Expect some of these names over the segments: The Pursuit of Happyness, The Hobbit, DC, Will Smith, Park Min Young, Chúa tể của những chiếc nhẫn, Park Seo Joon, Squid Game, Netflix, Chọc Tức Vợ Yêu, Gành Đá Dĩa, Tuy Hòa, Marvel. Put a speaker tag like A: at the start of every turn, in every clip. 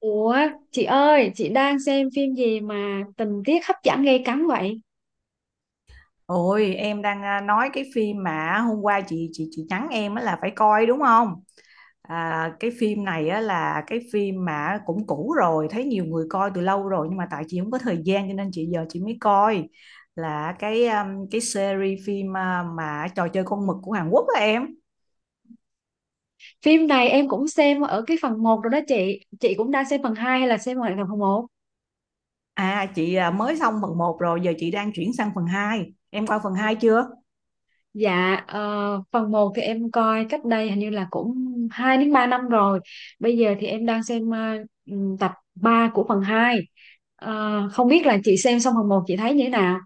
A: Ủa, chị ơi, chị đang xem phim gì mà tình tiết hấp dẫn gay cấn vậy?
B: Ôi em đang nói cái phim mà hôm qua chị nhắn em á là phải coi đúng không? À, cái phim này á là cái phim mà cũng cũ rồi, thấy nhiều người coi từ lâu rồi nhưng mà tại chị không có thời gian cho nên chị giờ chị mới coi là cái series phim à, mà Trò Chơi Con Mực của Hàn Quốc á em.
A: Phim này em cũng xem ở cái phần một rồi đó chị. Chị cũng đang xem phần 2 hay là xem lại phần một?
B: À chị à, mới xong phần một rồi giờ chị đang chuyển sang phần hai. Em coi phần 2 chưa?
A: Dạ, phần một thì em coi cách đây hình như là cũng 2 đến 3 năm rồi. Bây giờ thì em đang xem tập 3 của phần 2. Không biết là chị xem xong phần một chị thấy như thế nào?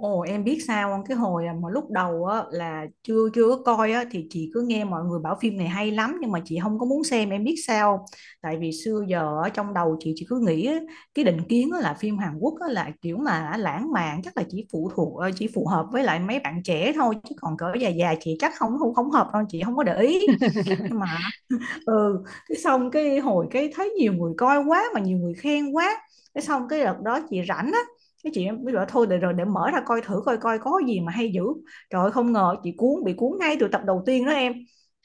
B: Ồ em biết sao không? Cái hồi à, mà lúc đầu á, là chưa chưa có coi á, thì chị cứ nghe mọi người bảo phim này hay lắm nhưng mà chị không có muốn xem, em biết sao không? Tại vì xưa giờ ở trong đầu chị cứ nghĩ á, cái định kiến á, là phim Hàn Quốc á, là kiểu mà lãng mạn chắc là chỉ phụ thuộc ờ, chỉ phù hợp với lại mấy bạn trẻ thôi chứ còn cỡ già già chị chắc không không không hợp đâu, chị không có để ý. Nhưng mà ừ, cái xong cái hồi cái thấy nhiều người coi quá mà nhiều người khen quá, cái xong cái đợt đó chị rảnh á, cái chị mới bảo thôi để rồi để mở ra coi thử coi coi có gì mà hay dữ. Trời ơi, không ngờ chị cuốn, bị cuốn ngay từ tập đầu tiên đó em.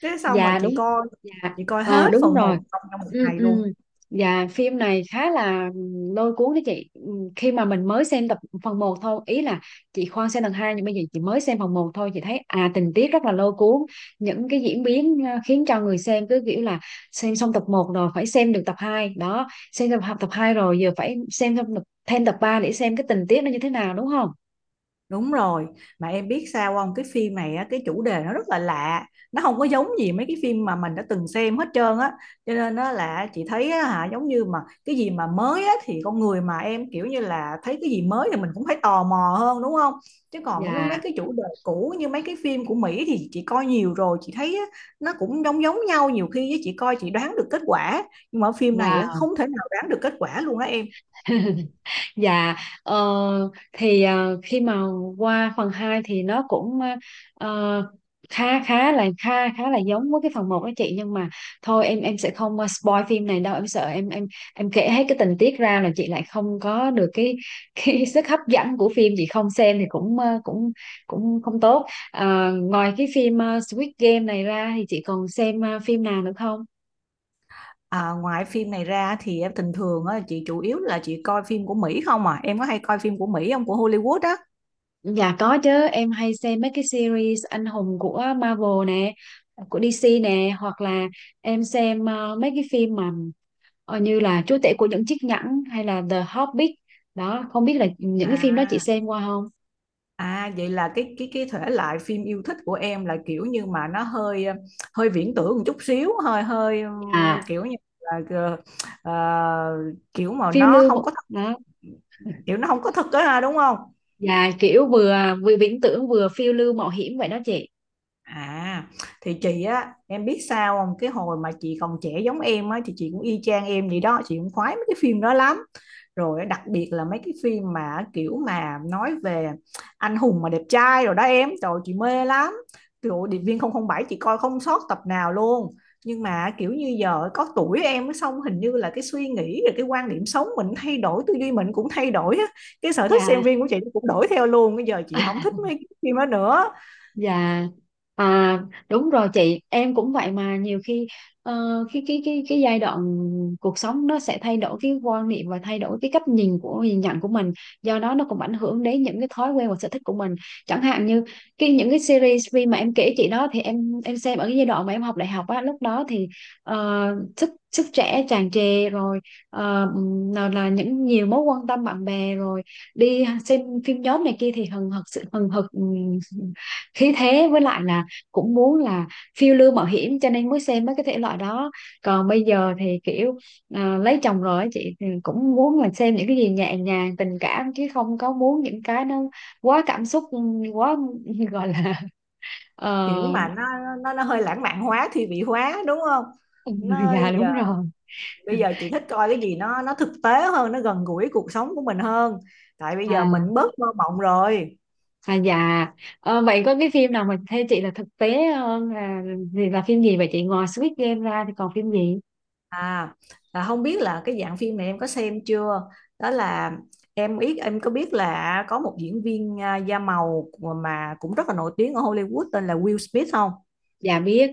B: Cái xong rồi
A: Dạ,
B: chị
A: đúng.
B: coi,
A: Dạ.
B: chị coi
A: Ờ,
B: hết
A: đúng
B: phần
A: rồi.
B: 1 trong trong một
A: Ừ,
B: ngày luôn.
A: ừ, dạ, phim này khá là lôi cuốn đấy chị. Ừ, khi mà mình mới xem tập phần một thôi ý là chị khoan xem lần hai, nhưng bây giờ chị mới xem phần một thôi chị thấy à tình tiết rất là lôi cuốn, những cái diễn biến à, khiến cho người xem cứ kiểu là xem xong tập một rồi phải xem được tập 2 đó, xem tập tập 2 rồi giờ phải xem thêm tập 3 để xem cái tình tiết nó như thế nào đúng không.
B: Đúng rồi, mà em biết sao không? Cái phim này á, cái chủ đề nó rất là lạ, nó không có giống gì mấy cái phim mà mình đã từng xem hết trơn á. Cho nên nó là chị thấy á, hả giống như mà cái gì mà mới á thì con người mà em kiểu như là thấy cái gì mới thì mình cũng phải tò mò hơn đúng không? Chứ còn nó mấy
A: Dạ.
B: cái chủ đề cũ như mấy cái phim của Mỹ thì chị coi nhiều rồi, chị thấy á, nó cũng giống giống nhau, nhiều khi á, chị coi chị đoán được kết quả, nhưng mà ở phim này á,
A: Wow.
B: không thể nào đoán được kết quả luôn đó em.
A: Dạ. ờ, thì ờ, khi mà qua phần 2 thì nó cũng ờ, khá khá là giống với cái phần một đó chị, nhưng mà thôi em sẽ không spoil phim này đâu, em sợ em kể hết cái tình tiết ra là chị lại không có được cái sức hấp dẫn của phim, chị không xem thì cũng cũng cũng không tốt. Ờ, ngoài cái phim Squid Game này ra thì chị còn xem phim nào nữa không?
B: À, ngoài phim này ra thì em bình thường á, chị chủ yếu là chị coi phim của Mỹ không à? Em có hay coi phim của Mỹ không? Của Hollywood á?
A: Dạ có chứ, em hay xem mấy cái series anh hùng của Marvel nè, của DC nè, hoặc là em xem mấy cái phim mà như là Chúa tể của những chiếc nhẫn hay là The Hobbit. Đó, không biết là những cái phim đó chị
B: À,
A: xem qua không?
B: à vậy là cái thể loại phim yêu thích của em là kiểu như mà nó hơi hơi viễn tưởng một chút xíu, hơi hơi
A: À,
B: kiểu như là ờ, kiểu mà
A: phiêu
B: nó
A: lưu mộ-
B: không có thật,
A: đó.
B: kiểu nó không có thật á ha, đúng không?
A: Dạ kiểu vừa vừa viễn tưởng vừa phiêu lưu mạo hiểm vậy đó chị.
B: À, thì chị á, em biết sao không? Cái hồi mà chị còn trẻ giống em á, thì chị cũng y chang em vậy đó, chị cũng khoái mấy cái phim đó lắm. Rồi đặc biệt là mấy cái phim mà kiểu mà nói về anh hùng mà đẹp trai rồi đó em, trời ơi, chị mê lắm. Kiểu Điệp viên không không bảy chị coi không sót tập nào luôn. Nhưng mà kiểu như giờ có tuổi em á, xong hình như là cái suy nghĩ rồi cái quan điểm sống mình thay đổi, tư duy mình cũng thay đổi á. Cái sở thích
A: Dạ.
B: xem phim của chị cũng đổi theo luôn. Bây giờ chị không thích mấy cái phim đó nữa.
A: Dạ. À, đúng rồi chị, em cũng vậy, mà nhiều khi ờ, cái giai đoạn cuộc sống nó sẽ thay đổi cái quan niệm và thay đổi cái cách nhìn của nhìn nhận của mình, do đó nó cũng ảnh hưởng đến những cái thói quen và sở thích của mình. Chẳng hạn như cái những cái series phim mà em kể chị đó thì em xem ở cái giai đoạn mà em học đại học á, lúc đó thì ờ, sức sức trẻ tràn trề rồi, ờ, nào là những nhiều mối quan tâm bạn bè rồi đi xem phim nhóm này kia thì hừng hực sự hừng hực khí thế với lại là cũng muốn là phiêu lưu mạo hiểm, cho nên mới xem mấy cái thể loại đó. Còn bây giờ thì kiểu à, lấy chồng rồi á chị, thì cũng muốn là xem những cái gì nhẹ nhàng tình cảm chứ không có muốn những cái nó quá cảm xúc, quá gọi là
B: Kiểu
A: ờ,
B: mà nó hơi lãng mạn hóa, thi vị hóa đúng không?
A: người
B: Nó
A: già,
B: giờ
A: đúng rồi.
B: bây giờ chị thích coi cái gì nó thực tế hơn, nó gần gũi cuộc sống của mình hơn, tại bây giờ
A: À,
B: mình bớt mơ mộng rồi.
A: à dạ. Ờ, vậy có cái phim nào mà theo chị là thực tế là thì là phim gì vậy chị, ngoài Squid Game ra thì còn phim gì?
B: À là không biết là cái dạng phim này em có xem chưa? Đó là em biết, em có biết là có một diễn viên à, da màu mà cũng rất là nổi tiếng ở Hollywood tên là Will Smith không?
A: Dạ biết.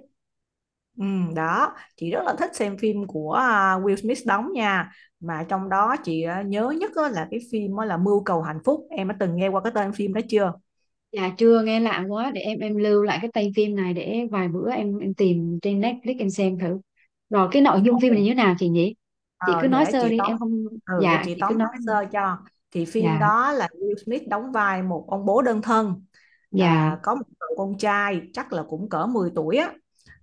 B: Ừ, đó chị rất là thích xem phim của à, Will Smith đóng nha, mà trong đó chị à, nhớ nhất á là cái phim á là Mưu Cầu Hạnh Phúc, em đã từng nghe qua cái tên phim đó chưa?
A: Dạ chưa nghe, lạ quá, để em lưu lại cái tay phim này để vài bữa em tìm trên Netflix em xem thử. Rồi cái nội dung phim này
B: Ồ.
A: như thế nào chị nhỉ? Chị
B: Ờ,
A: cứ nói
B: để
A: sơ
B: chị
A: đi
B: tóm,
A: em không.
B: ừ, để
A: Dạ
B: chị
A: chị cứ
B: tóm
A: nói.
B: tắt sơ cho. Thì phim
A: Dạ.
B: đó là Will Smith đóng vai một ông bố đơn thân
A: Dạ.
B: à, có một cậu con trai chắc là cũng cỡ 10 tuổi á,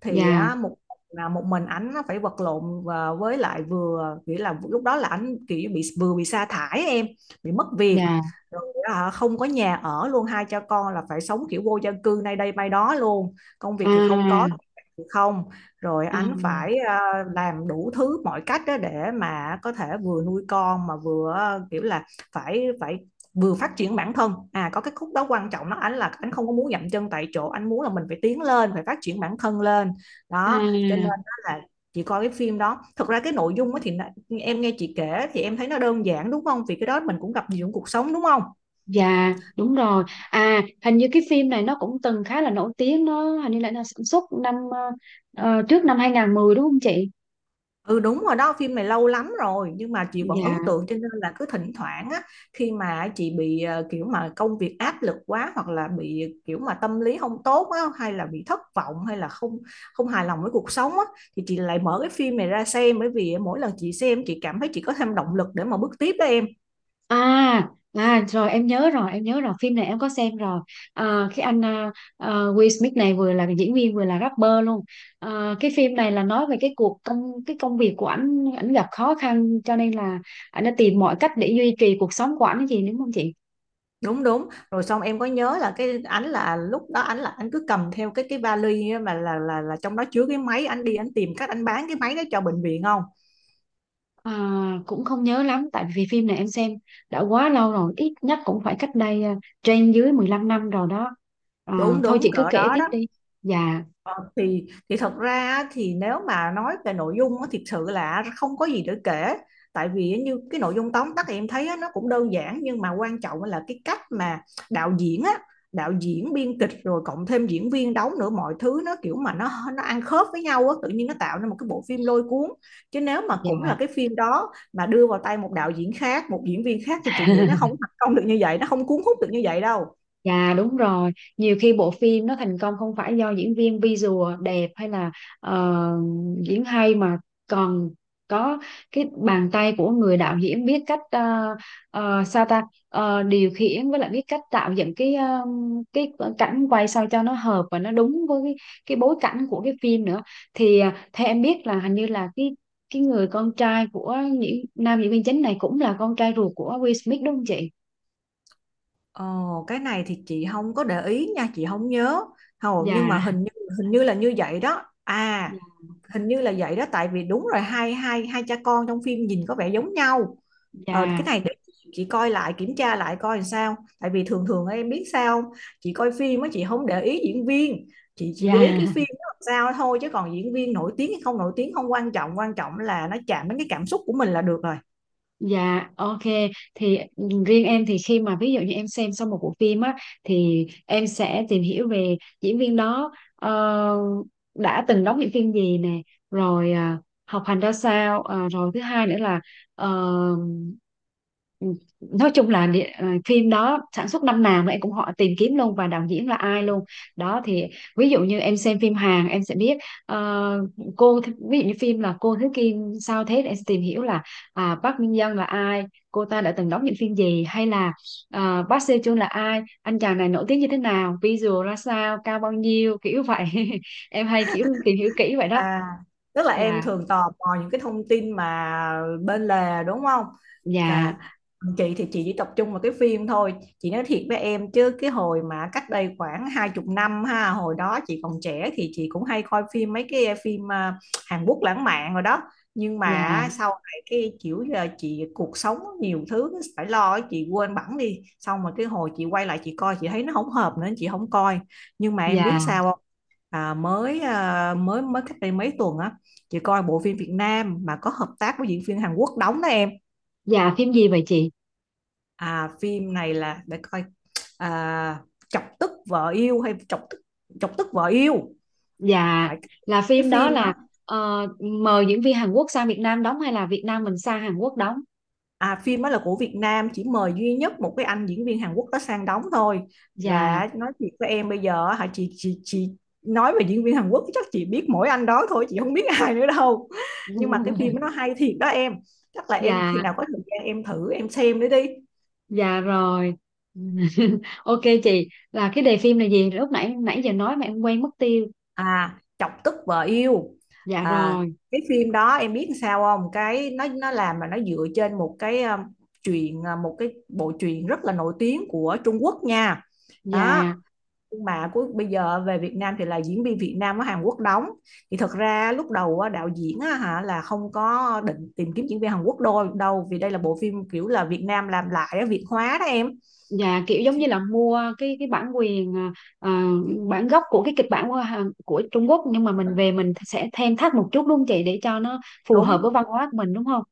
B: thì
A: Dạ.
B: á, một là một mình ảnh á phải vật lộn và với lại vừa nghĩa là lúc đó là ảnh kiểu bị, vừa bị sa thải em, bị mất việc
A: Dạ.
B: rồi á, không có nhà ở luôn, hai cha con là phải sống kiểu vô gia cư nay đây mai đó luôn, công việc thì không có,
A: À.
B: thì không, rồi
A: À.
B: ảnh phải à, làm đủ thứ mọi cách đó để mà có thể vừa nuôi con mà vừa à, kiểu là phải phải vừa phát triển bản thân. À có cái khúc đó quan trọng, nó anh là anh không có muốn dậm chân tại chỗ, anh muốn là mình phải tiến lên, phải phát triển bản thân lên. Đó cho nên
A: À.
B: đó là chị coi cái phim đó. Thật ra cái nội dung á thì em nghe chị kể thì em thấy nó đơn giản đúng không, vì cái đó mình cũng gặp nhiều trong cuộc sống đúng không?
A: Dạ đúng rồi. À hình như cái phim này nó cũng từng khá là nổi tiếng, nó hình như là nó sản xuất năm trước năm 2010 đúng không chị?
B: Ừ đúng rồi đó, phim này lâu lắm rồi nhưng mà chị vẫn ấn
A: Dạ.
B: tượng cho nên là cứ thỉnh thoảng á, khi mà chị bị ờ, kiểu mà công việc áp lực quá hoặc là bị kiểu mà tâm lý không tốt á hay là bị thất vọng hay là không, không hài lòng với cuộc sống á, thì chị lại mở cái phim này ra xem, bởi vì mỗi lần chị xem chị cảm thấy chị có thêm động lực để mà bước tiếp đó em.
A: À, à rồi em nhớ rồi, em nhớ rồi, phim này em có xem rồi. À, cái anh à, à, Will Smith này vừa là diễn viên vừa là rapper luôn. À, cái phim này là nói về cái cuộc công cái công việc của ảnh, ảnh gặp khó khăn cho nên là ảnh đã tìm mọi cách để duy trì cuộc sống của ảnh gì, đúng không chị?
B: Đúng đúng. Rồi xong em có nhớ là cái ảnh là lúc đó ảnh là anh cứ cầm theo cái vali á, mà là trong đó chứa cái máy, anh đi anh tìm cách anh bán cái máy đó cho bệnh viện không?
A: À, cũng không nhớ lắm tại vì phim này em xem đã quá lâu rồi, ít nhất cũng phải cách đây trên dưới 15 năm rồi đó. À,
B: Đúng
A: thôi
B: đúng
A: chị cứ
B: cỡ
A: kể
B: đó
A: tiếp
B: đó.
A: đi. Dạ.
B: Ờ, thì thật ra á, thì nếu mà nói về nội dung á, thiệt sự là không có gì để kể, tại vì á, như cái nội dung tóm tắt em thấy á, nó cũng đơn giản, nhưng mà quan trọng là cái cách mà đạo diễn á, đạo diễn biên kịch rồi cộng thêm diễn viên đóng nữa, mọi thứ nó kiểu mà nó ăn khớp với nhau á, tự nhiên nó tạo nên một cái bộ phim lôi cuốn. Chứ nếu mà cũng
A: Dạ.
B: là cái phim đó mà đưa vào tay một đạo diễn khác, một diễn viên khác thì chị nghĩ nó không thành công được như vậy, nó không cuốn hút được như vậy đâu.
A: Dạ đúng rồi, nhiều khi bộ phim nó thành công không phải do diễn viên visual đẹp hay là ờ, diễn hay, mà còn có cái bàn tay của người đạo diễn biết cách sao ta. Ờ, điều khiển với lại biết cách tạo dựng cái cái cảnh quay sao cho nó hợp và nó đúng với cái bối cảnh của cái phim nữa. Thì theo em biết là hình như là cái người con trai của những nam diễn viên chính này cũng là con trai ruột của Will Smith, đúng không chị?
B: Ồ, cái này thì chị không có để ý nha, chị không nhớ. Hầu nhưng
A: Dạ,
B: mà hình như là như vậy đó. À,
A: dạ,
B: hình như là vậy đó, tại vì đúng rồi, hai hai hai cha con trong phim nhìn có vẻ giống nhau. Ờ, cái này để chị coi lại, kiểm tra lại coi làm sao. Tại vì thường thường em biết sao không? Chị coi phim á chị không để ý diễn viên, chị chỉ
A: dạ.
B: để ý cái
A: Dạ.
B: phim nó làm sao thôi, chứ còn diễn viên nổi tiếng hay không nổi tiếng không quan trọng, quan trọng là nó chạm đến cái cảm xúc của mình là được rồi.
A: Dạ, ok. Thì riêng em thì khi mà ví dụ như em xem xong một bộ phim á thì em sẽ tìm hiểu về diễn viên đó đã từng đóng những phim gì nè, rồi học hành ra sao, rồi thứ hai nữa là ờ, nói chung là phim đó sản xuất năm nào mà em cũng họ tìm kiếm luôn, và đạo diễn là ai luôn. Đó thì ví dụ như em xem phim Hàn em sẽ biết ờ, ví dụ như phim là cô Thứ Kim sao thế, để em sẽ tìm hiểu là à, Park Min Young là ai, cô ta đã từng đóng những phim gì, hay là à, Park Seo Joon là ai, anh chàng này nổi tiếng như thế nào, visual ra sao, cao bao nhiêu, kiểu vậy. Em hay kiểu tìm hiểu kỹ vậy đó.
B: À, tức là em
A: Dạ.
B: thường tò mò những cái thông tin mà bên lề đúng không? Cả
A: Dạ.
B: chị thì chị chỉ tập trung vào cái phim thôi. Chị nói thiệt với em chứ cái hồi mà cách đây khoảng hai chục năm ha, hồi đó chị còn trẻ thì chị cũng hay coi phim mấy cái phim à, Hàn Quốc lãng mạn rồi đó. Nhưng
A: Dạ.
B: mà sau này cái kiểu là chị cuộc sống nhiều thứ phải lo ấy, chị quên bẵng đi. Xong mà cái hồi chị quay lại chị coi, chị thấy nó không hợp nữa chị không coi. Nhưng mà em biết
A: Dạ.
B: sao, à, mới mới cách đây mấy tuần á, chị coi bộ phim Việt Nam mà có hợp tác với diễn viên Hàn Quốc đóng đó em.
A: Dạ phim gì vậy chị?
B: À phim này là để coi, à, Chọc Tức Vợ Yêu hay Chọc Tức Vợ Yêu
A: Dạ
B: phải,
A: là
B: cái
A: phim đó
B: phim
A: là
B: đó.
A: mời diễn viên Hàn Quốc sang Việt Nam đóng hay là Việt Nam mình sang Hàn Quốc đóng?
B: À, phim đó là của Việt Nam chỉ mời duy nhất một cái anh diễn viên Hàn Quốc đó sang đóng thôi,
A: Dạ.
B: và nói thiệt với em bây giờ hả, chị nói về diễn viên Hàn Quốc chắc chị biết mỗi anh đó thôi, chị không biết ai nữa đâu. Nhưng mà cái phim đó nó hay thiệt đó em, chắc là em khi
A: Dạ.
B: nào có thời gian em thử em xem nữa đi.
A: Dạ rồi. Ok chị, là cái đề phim là gì lúc nãy, nãy giờ nói mà em quên mất tiêu.
B: À Chọc Tức Vợ Yêu.
A: Dạ
B: À
A: rồi.
B: cái phim đó em biết sao không, cái nó làm mà nó dựa trên một cái truyện, một cái bộ truyện rất là nổi tiếng của Trung Quốc nha. Đó,
A: Dạ.
B: nhưng mà cuối bây giờ về Việt Nam thì là diễn viên Việt Nam ở Hàn Quốc đóng. Thì thật ra lúc đầu á, đạo diễn hả là không có định tìm kiếm diễn viên Hàn Quốc đôi đâu, vì đây là bộ phim kiểu là Việt Nam làm lại, Việt hóa đó em.
A: Dạ kiểu giống như là mua cái bản quyền à, bản gốc của cái kịch bản của của Trung Quốc, nhưng mà mình về mình sẽ thêm thắt một chút đúng không chị, để cho nó phù hợp
B: đúng
A: với văn hóa của mình, đúng không?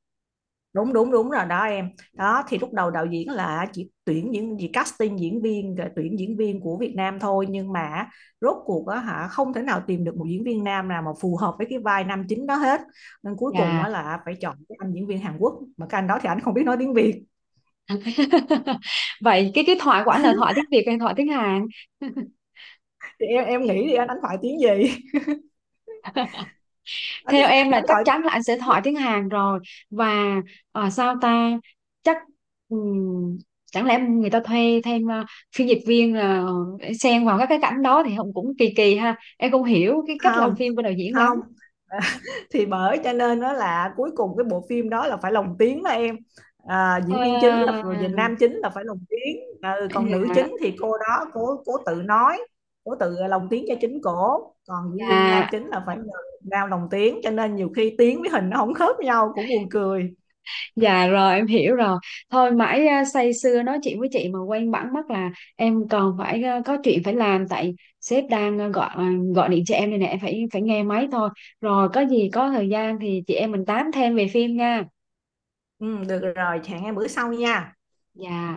B: đúng đúng đúng rồi đó em. Đó thì lúc đầu đạo diễn là chỉ tuyển những gì casting diễn viên, rồi tuyển diễn viên của Việt Nam thôi, nhưng mà rốt cuộc á hả không thể nào tìm được một diễn viên nam nào mà phù hợp với cái vai nam chính đó hết. Nên cuối cùng
A: Dạ.
B: á là phải chọn cái anh diễn viên Hàn Quốc, mà cái anh đó thì anh không biết nói tiếng Việt.
A: Vậy cái thoại của anh là thoại tiếng Việt hay thoại tiếng Hàn?
B: Thì em nghĩ thì anh đánh thoại tiếng gì? Đánh,
A: Theo em là
B: đánh
A: chắc
B: thoại
A: chắn
B: tiếng
A: là anh sẽ hỏi tiếng Hàn rồi. Và sao ta, chắc ừm, chẳng lẽ người ta thuê thêm phiên dịch viên là để xen vào các cái cảnh đó, thì không cũng kỳ kỳ ha, em không hiểu cái cách làm
B: không.
A: phim của đạo diễn lắm.
B: Không. Thì bởi cho nên đó là cuối cùng cái bộ phim đó là phải lồng tiếng đó em. À,
A: Ờ,
B: diễn viên chính là rồi về nam chính là phải lồng tiếng. Ừ, còn nữ chính thì cô đó cô tự nói, cô tự lồng tiếng cho chính cổ, còn diễn viên nam
A: dạ.
B: chính là phải nhờ nào lồng tiếng, cho nên nhiều khi tiếng với hình nó không khớp nhau cũng buồn cười.
A: Dạ rồi em hiểu rồi. Thôi mãi say sưa nói chuyện với chị mà quên bẵng mất là em còn phải có chuyện phải làm. Tại sếp đang gọi gọi điện cho em đây nè, em phải phải nghe máy thôi. Rồi có gì có thời gian thì chị em mình tám thêm về phim nha.
B: Ừ, được rồi, hẹn em bữa sau nha.
A: Dạ.